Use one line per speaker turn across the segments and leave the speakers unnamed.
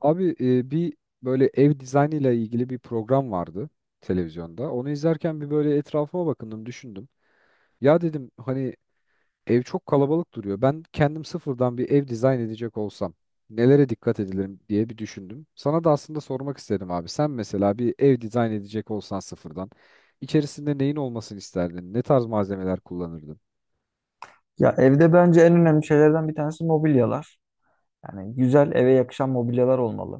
Abi bir böyle ev dizaynıyla ilgili bir program vardı televizyonda. Onu izlerken bir böyle etrafıma bakındım, düşündüm. Ya dedim hani ev çok kalabalık duruyor. Ben kendim sıfırdan bir ev dizayn edecek olsam nelere dikkat edilirim diye bir düşündüm. Sana da aslında sormak istedim abi. Sen mesela bir ev dizayn edecek olsan sıfırdan içerisinde neyin olmasını isterdin? Ne tarz malzemeler kullanırdın?
Ya evde bence en önemli şeylerden bir tanesi mobilyalar. Yani güzel eve yakışan mobilyalar olmalı.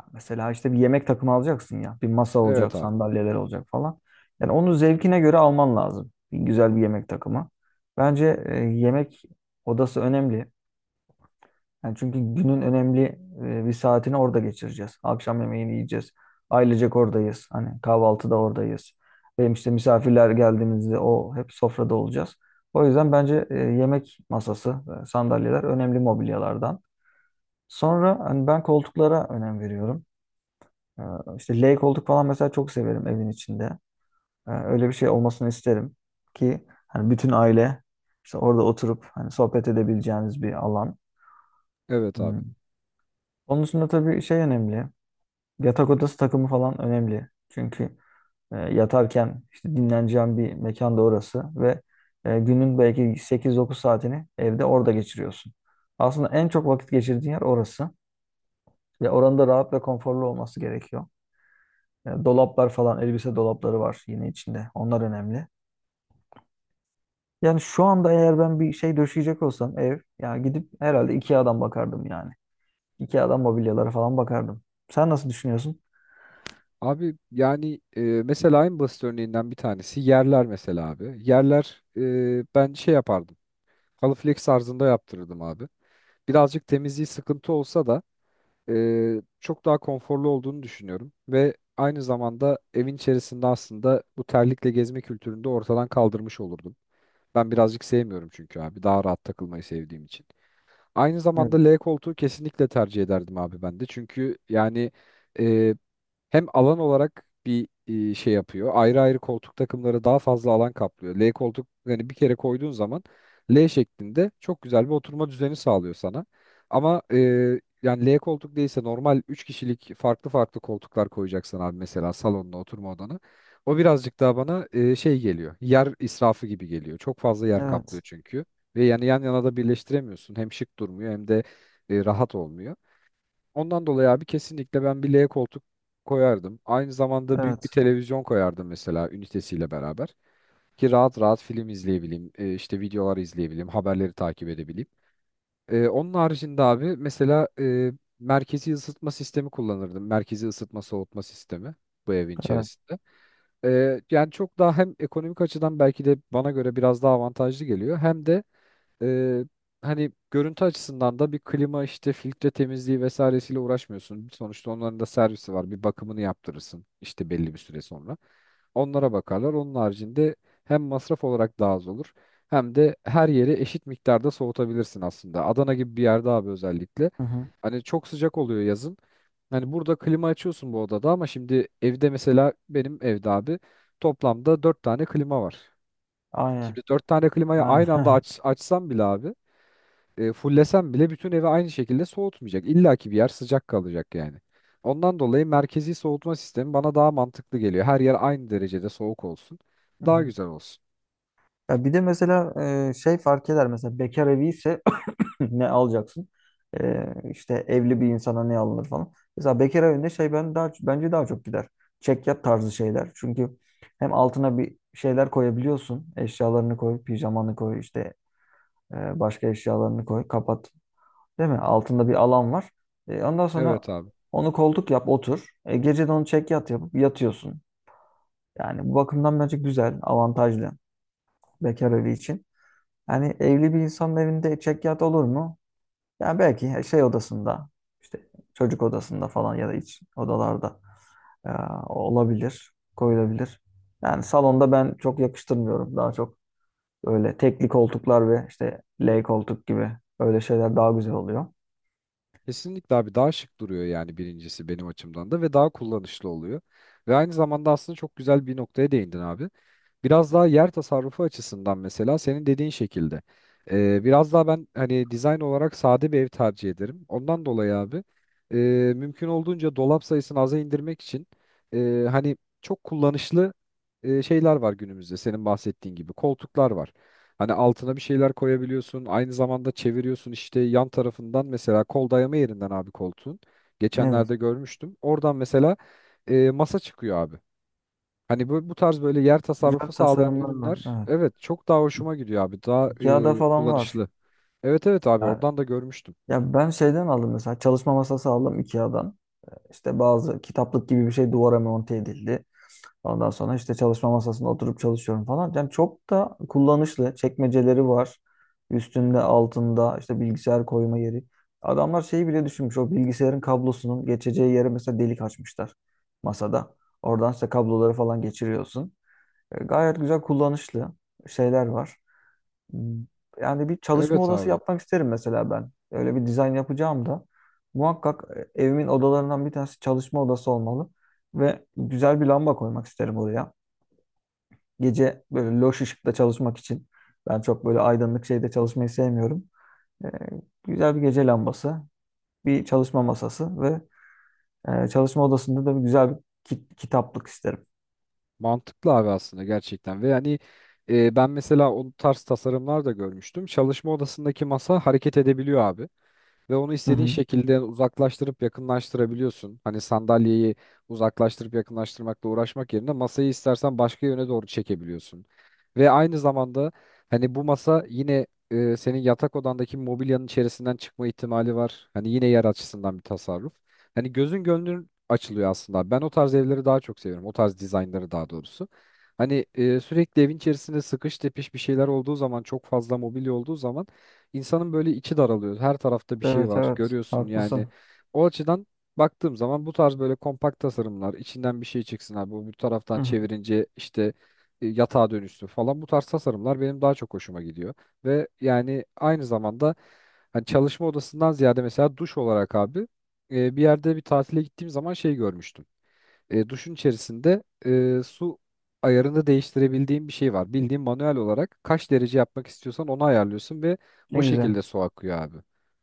Ya Mesela işte bir yemek takımı alacaksın ya. Bir masa
Evet
olacak,
abi.
sandalyeler olacak falan. Yani onu zevkine göre alman lazım. Bir güzel bir yemek takımı. Bence yemek odası önemli. Yani çünkü günün önemli bir saatini orada geçireceğiz. Akşam yemeğini yiyeceğiz. Ailecek oradayız. Hani kahvaltıda oradayız. Benim işte misafirler geldiğimizde o hep sofrada olacağız. O yüzden bence yemek masası, sandalyeler önemli mobilyalardan. Sonra hani ben koltuklara önem veriyorum. E, İşte L koltuk falan mesela çok severim evin içinde. Öyle bir şey olmasını isterim ki hani bütün aile işte orada oturup hani sohbet edebileceğiniz bir alan.
Evet abi.
Hmm. Onun dışında tabii şey önemli. Yatak odası takımı falan önemli. Çünkü yatarken işte dinleneceğin bir mekan da orası ve günün belki 8-9 saatini evde orada geçiriyorsun. Aslında en çok vakit geçirdiğin yer orası ve oranın da rahat ve konforlu olması gerekiyor. Dolaplar falan, elbise dolapları var yine içinde. Onlar önemli. Yani şu anda eğer ben bir şey döşeyecek olsam ev, ya gidip herhalde IKEA'dan bakardım yani. IKEA'dan mobilyalara falan bakardım. Sen nasıl düşünüyorsun?
Abi yani mesela en basit örneğinden bir tanesi yerler mesela abi. Yerler ben şey yapardım. Halı flex tarzında yaptırırdım abi. Birazcık temizliği sıkıntı olsa da çok daha konforlu olduğunu düşünüyorum. Ve aynı zamanda evin içerisinde aslında bu terlikle gezme kültürünü de ortadan kaldırmış olurdum. Ben birazcık sevmiyorum çünkü abi. Daha rahat takılmayı sevdiğim için. Aynı zamanda
Evet.
L koltuğu kesinlikle tercih ederdim abi ben de. Çünkü yani... Hem alan olarak bir şey yapıyor. Ayrı ayrı koltuk takımları daha fazla alan kaplıyor. L koltuk yani bir kere koyduğun zaman L şeklinde çok güzel bir oturma düzeni sağlıyor sana. Ama yani L koltuk değilse normal 3 kişilik farklı farklı koltuklar koyacaksın abi mesela salonuna oturma odana. O birazcık daha bana şey geliyor. Yer israfı gibi geliyor. Çok fazla yer kaplıyor
Evet.
çünkü. Ve yani yan yana da birleştiremiyorsun. Hem şık durmuyor hem de rahat olmuyor. Ondan dolayı abi kesinlikle ben bir L koltuk koyardım. Aynı zamanda büyük bir
Evet.
televizyon koyardım mesela ünitesiyle beraber. Ki rahat rahat film izleyebileyim, işte videolar izleyebileyim, haberleri takip edebileyim. Onun haricinde abi mesela merkezi ısıtma sistemi kullanırdım. Merkezi ısıtma soğutma sistemi bu evin
Evet.
içerisinde. Yani çok daha hem ekonomik açıdan belki de bana göre biraz daha avantajlı geliyor. Hem de ee, hani görüntü açısından da bir klima işte filtre temizliği vesairesiyle uğraşmıyorsun. Sonuçta onların da servisi var. Bir bakımını yaptırırsın işte belli bir süre sonra. Onlara bakarlar. Onun haricinde hem masraf olarak daha az olur hem de her yeri eşit miktarda soğutabilirsin aslında. Adana gibi bir yerde abi özellikle.
Hı hı.
Hani çok sıcak oluyor yazın. Hani burada klima açıyorsun bu odada ama şimdi evde mesela benim evde abi toplamda dört tane klima var.
Aynen.
Şimdi dört tane klimayı
Yani
aynı anda açsam bile abi fullesem bile bütün evi aynı şekilde soğutmayacak. İlla ki bir yer sıcak kalacak yani. Ondan dolayı merkezi soğutma sistemi bana daha mantıklı geliyor. Her yer aynı derecede soğuk olsun.
Hı
Daha
hı.
güzel olsun.
Ya bir de mesela şey fark eder mesela bekar evi ise ne alacaksın? E, işte evli bir insana ne alınır falan. Mesela bekar evinde şey ben daha bence daha çok gider. Çekyat tarzı şeyler. Çünkü hem altına bir şeyler koyabiliyorsun. Eşyalarını koy, pijamanı koy, işte başka eşyalarını koy, kapat. Değil mi? Altında bir alan var. Ondan sonra
Evet abi.
onu koltuk yap, otur. Gece de onu çekyat yapıp yatıyorsun. Yani bu bakımdan bence güzel, avantajlı bekar evi için. Yani evli bir insanın evinde çekyat olur mu? Yani belki şey odasında, işte çocuk odasında falan ya da iç odalarda e, olabilir, koyulabilir. Yani salonda ben çok yakıştırmıyorum. Daha çok öyle tekli koltuklar ve işte L koltuk gibi öyle şeyler daha güzel oluyor.
Kesinlikle abi daha şık duruyor yani birincisi benim açımdan da ve daha kullanışlı oluyor. Ve aynı zamanda aslında çok güzel bir noktaya değindin abi. Biraz daha yer tasarrufu açısından mesela senin dediğin şekilde. Biraz daha ben hani dizayn olarak sade bir ev tercih ederim. Ondan dolayı abi e, mümkün olduğunca dolap sayısını aza indirmek için hani çok kullanışlı şeyler var günümüzde senin bahsettiğin gibi. Koltuklar var. Hani altına bir şeyler koyabiliyorsun. Aynı zamanda çeviriyorsun işte yan tarafından mesela kol dayama yerinden abi koltuğun.
Evet.
Geçenlerde görmüştüm. Oradan mesela masa çıkıyor abi. Hani bu tarz böyle yer
Güzel
tasarrufu sağlayan
tasarımlar var.
ürünler
Evet.
evet çok daha hoşuma gidiyor abi. Daha
Ikea'da falan var.
kullanışlı. Evet evet abi
Yani,
oradan da görmüştüm.
ya ben şeyden aldım mesela çalışma masası aldım Ikea'dan. İşte bazı kitaplık gibi bir şey duvara monte edildi. Ondan sonra işte çalışma masasında oturup çalışıyorum falan. Yani çok da kullanışlı. Çekmeceleri var. Üstünde, altında işte bilgisayar koyma yeri. Adamlar şeyi bile düşünmüş. O bilgisayarın kablosunun geçeceği yere mesela delik açmışlar masada. Oradan işte kabloları falan geçiriyorsun. Gayet güzel kullanışlı şeyler var. Yani bir çalışma
Evet
odası
abi.
yapmak isterim mesela ben. Öyle bir dizayn yapacağım da. Muhakkak evimin odalarından bir tanesi çalışma odası olmalı. Ve güzel bir lamba koymak isterim oraya. Gece böyle loş ışıkta çalışmak için. Ben çok böyle aydınlık şeyde çalışmayı sevmiyorum. E, güzel bir gece lambası, bir çalışma masası ve çalışma odasında da bir güzel bir kitaplık isterim.
Mantıklı abi aslında gerçekten. Ve yani ben mesela o tarz tasarımlar da görmüştüm. Çalışma odasındaki masa hareket edebiliyor abi. Ve onu
Hı
istediğin
hı.
şekilde uzaklaştırıp yakınlaştırabiliyorsun. Hani sandalyeyi uzaklaştırıp yakınlaştırmakla uğraşmak yerine masayı istersen başka yöne doğru çekebiliyorsun. Ve aynı zamanda hani bu masa yine senin yatak odandaki mobilyanın içerisinden çıkma ihtimali var. Hani yine yer açısından bir tasarruf. Hani gözün gönlün açılıyor aslında. Ben o tarz evleri daha çok seviyorum. O tarz dizaynları daha doğrusu. Hani sürekli evin içerisinde sıkış tepiş bir şeyler olduğu zaman çok fazla mobilya olduğu zaman insanın böyle içi daralıyor. Her tarafta bir şey
Evet
var.
evet
Görüyorsun yani.
haklısın.
O açıdan baktığım zaman bu tarz böyle kompakt tasarımlar, içinden bir şey çıksın abi. Bu taraftan
Hı hı.
çevirince işte yatağa dönüşsün falan. Bu tarz tasarımlar benim daha çok hoşuma gidiyor. Ve yani aynı zamanda hani çalışma odasından ziyade mesela duş olarak abi bir yerde bir tatile gittiğim zaman şey görmüştüm duşun içerisinde su ayarını değiştirebildiğin bir şey var. Bildiğin manuel olarak kaç derece yapmak istiyorsan onu ayarlıyorsun ve
Ne
o
güzel.
şekilde su akıyor abi.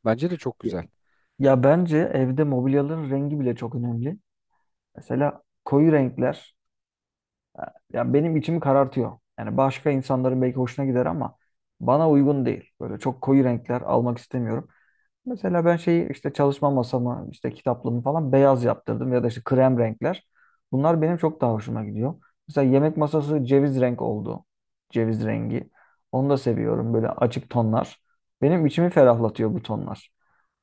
Bence de çok güzel.
Ya bence evde mobilyaların rengi bile çok önemli. Mesela koyu renkler e, ya benim içimi karartıyor. Yani başka insanların belki hoşuna gider ama bana uygun değil. Böyle çok koyu renkler almak istemiyorum. Mesela ben şeyi işte çalışma masamı, işte kitaplığımı falan beyaz yaptırdım ya da işte krem renkler. Bunlar benim çok daha hoşuma gidiyor. Mesela yemek masası ceviz renk oldu. Ceviz rengi. Onu da seviyorum böyle açık tonlar. Benim içimi ferahlatıyor bu tonlar.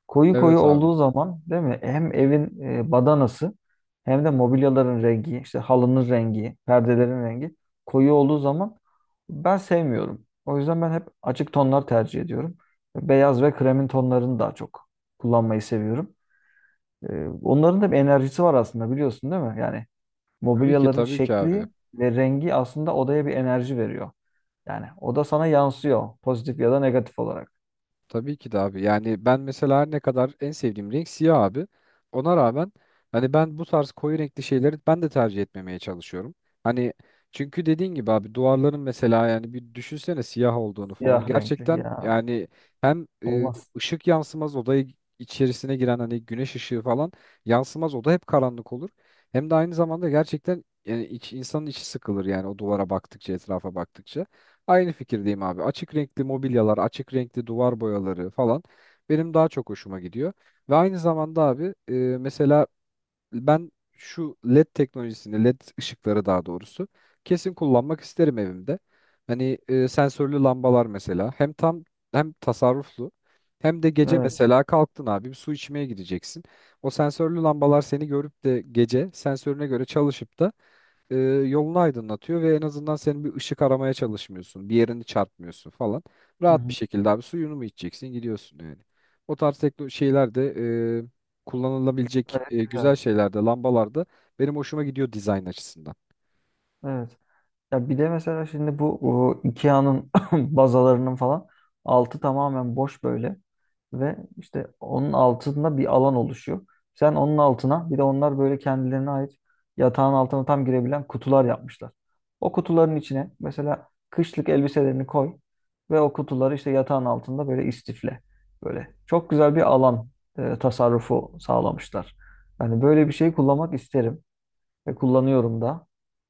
Koyu koyu
Evet abi.
olduğu zaman değil mi? Hem evin badanası hem de mobilyaların rengi, işte halının rengi, perdelerin rengi koyu olduğu zaman ben sevmiyorum. O yüzden ben hep açık tonlar tercih ediyorum. Beyaz ve kremin tonlarını daha çok kullanmayı seviyorum. Onların da bir enerjisi var aslında biliyorsun değil mi? Yani
Tabii ki
mobilyaların
tabii ki abi.
şekli ve rengi aslında odaya bir enerji veriyor. Yani oda sana yansıyor pozitif ya da negatif olarak.
Tabii ki de abi. Yani ben mesela her ne kadar en sevdiğim renk siyah abi. Ona rağmen hani ben bu tarz koyu renkli şeyleri ben de tercih etmemeye çalışıyorum. Hani çünkü dediğin gibi abi duvarların mesela yani bir düşünsene siyah olduğunu
Siyah
falan.
renkli
Gerçekten
ya
yani hem
olmaz.
ışık yansımaz odayı içerisine giren hani güneş ışığı falan yansımaz oda hep karanlık olur. Hem de aynı zamanda gerçekten yani insanın içi sıkılır yani o duvara baktıkça etrafa baktıkça. Aynı fikirdeyim abi. Açık renkli mobilyalar, açık renkli duvar boyaları falan benim daha çok hoşuma gidiyor. Ve aynı zamanda abi mesela ben şu LED teknolojisini, LED ışıkları daha doğrusu kesin kullanmak isterim evimde. Hani sensörlü lambalar mesela hem tam hem tasarruflu hem de gece
Evet.
mesela kalktın abi bir su içmeye gideceksin. O sensörlü lambalar seni görüp de gece sensörüne göre çalışıp da e, yolunu aydınlatıyor ve en azından senin bir ışık aramaya çalışmıyorsun. Bir yerini çarpmıyorsun falan.
Hı
Rahat bir
hı.
şekilde abi suyunu mu içeceksin gidiyorsun yani. O tarz tekno şeyler de kullanılabilecek
Gayet güzel.
güzel şeyler de lambalarda benim hoşuma gidiyor dizayn açısından.
Evet. Ya bir de mesela şimdi bu o IKEA'nın bazalarının falan altı tamamen boş böyle ve işte onun altında bir alan oluşuyor. Sen onun altına bir de onlar böyle kendilerine ait yatağın altına tam girebilen kutular yapmışlar. O kutuların içine mesela kışlık elbiselerini koy ve o kutuları işte yatağın altında böyle istifle. Böyle çok güzel bir alan tasarrufu sağlamışlar. Yani böyle bir şey kullanmak isterim. Ve kullanıyorum da.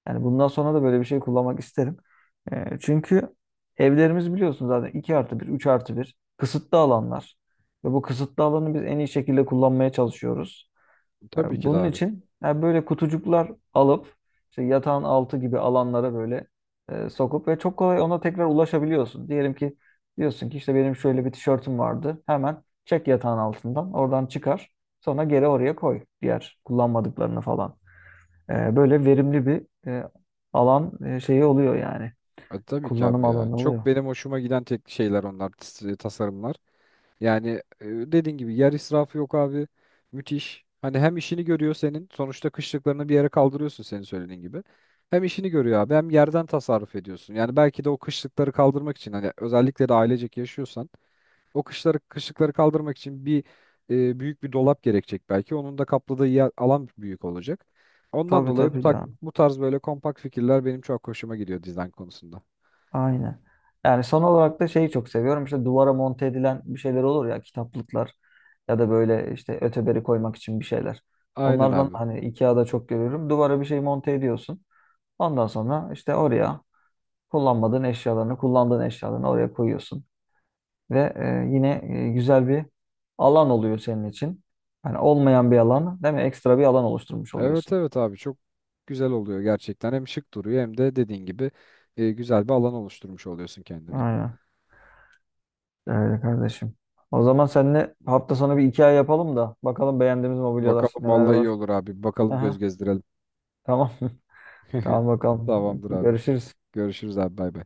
Yani bundan sonra da böyle bir şey kullanmak isterim. Çünkü evlerimiz biliyorsun zaten 2+1, 3+1 kısıtlı alanlar. Ve bu kısıtlı alanı biz en iyi şekilde kullanmaya çalışıyoruz. E,
Tabii ki de
bunun
abi.
için yani böyle kutucuklar alıp işte yatağın altı gibi alanlara böyle sokup ve çok kolay ona tekrar ulaşabiliyorsun. Diyelim ki diyorsun ki işte benim şöyle bir tişörtüm vardı. Hemen çek yatağın altından oradan çıkar. Sonra geri oraya koy diğer kullanmadıklarını falan. Böyle verimli bir alan şeyi oluyor yani.
Tabii ki
Kullanım
abi ya.
alanı oluyor.
Çok benim hoşuma giden tek şeyler onlar tasarımlar. Yani dediğin gibi yer israfı yok abi. Müthiş. Hani hem işini görüyor senin. Sonuçta kışlıklarını bir yere kaldırıyorsun senin söylediğin gibi. Hem işini görüyor abi hem yerden tasarruf ediyorsun. Yani belki de o kışlıkları kaldırmak için hani özellikle de ailecek yaşıyorsan o kışlıkları kaldırmak için bir büyük bir dolap gerekecek belki. Onun da kapladığı yer, alan büyük olacak. Ondan
Tabii
dolayı bu
tabii ya.
bu tarz böyle kompakt fikirler benim çok hoşuma gidiyor dizayn konusunda.
Aynen. Yani son olarak da şeyi çok seviyorum. İşte duvara monte edilen bir şeyler olur ya kitaplıklar ya da böyle işte öteberi koymak için bir şeyler.
Aynen
Onlardan
abi.
hani IKEA'da çok görüyorum. Duvara bir şey monte ediyorsun. Ondan sonra işte oraya kullanmadığın eşyalarını, kullandığın eşyalarını oraya koyuyorsun. Ve yine güzel bir alan oluyor senin için. Yani olmayan bir alan, değil mi? Ekstra bir alan oluşturmuş
Evet
oluyorsun.
evet abi çok güzel oluyor gerçekten. Hem şık duruyor hem de dediğin gibi güzel bir alan oluşturmuş oluyorsun kendine.
Aynen. Öyle kardeşim. O zaman seninle hafta sonu bir hikaye yapalım da bakalım beğendiğimiz mobilyalar
Bakalım
neler
vallahi iyi
var.
olur abi. Bakalım göz
Aha,
gezdirelim.
tamam. Tamam bakalım.
Tamamdır abi.
Görüşürüz.
Görüşürüz abi bay bay.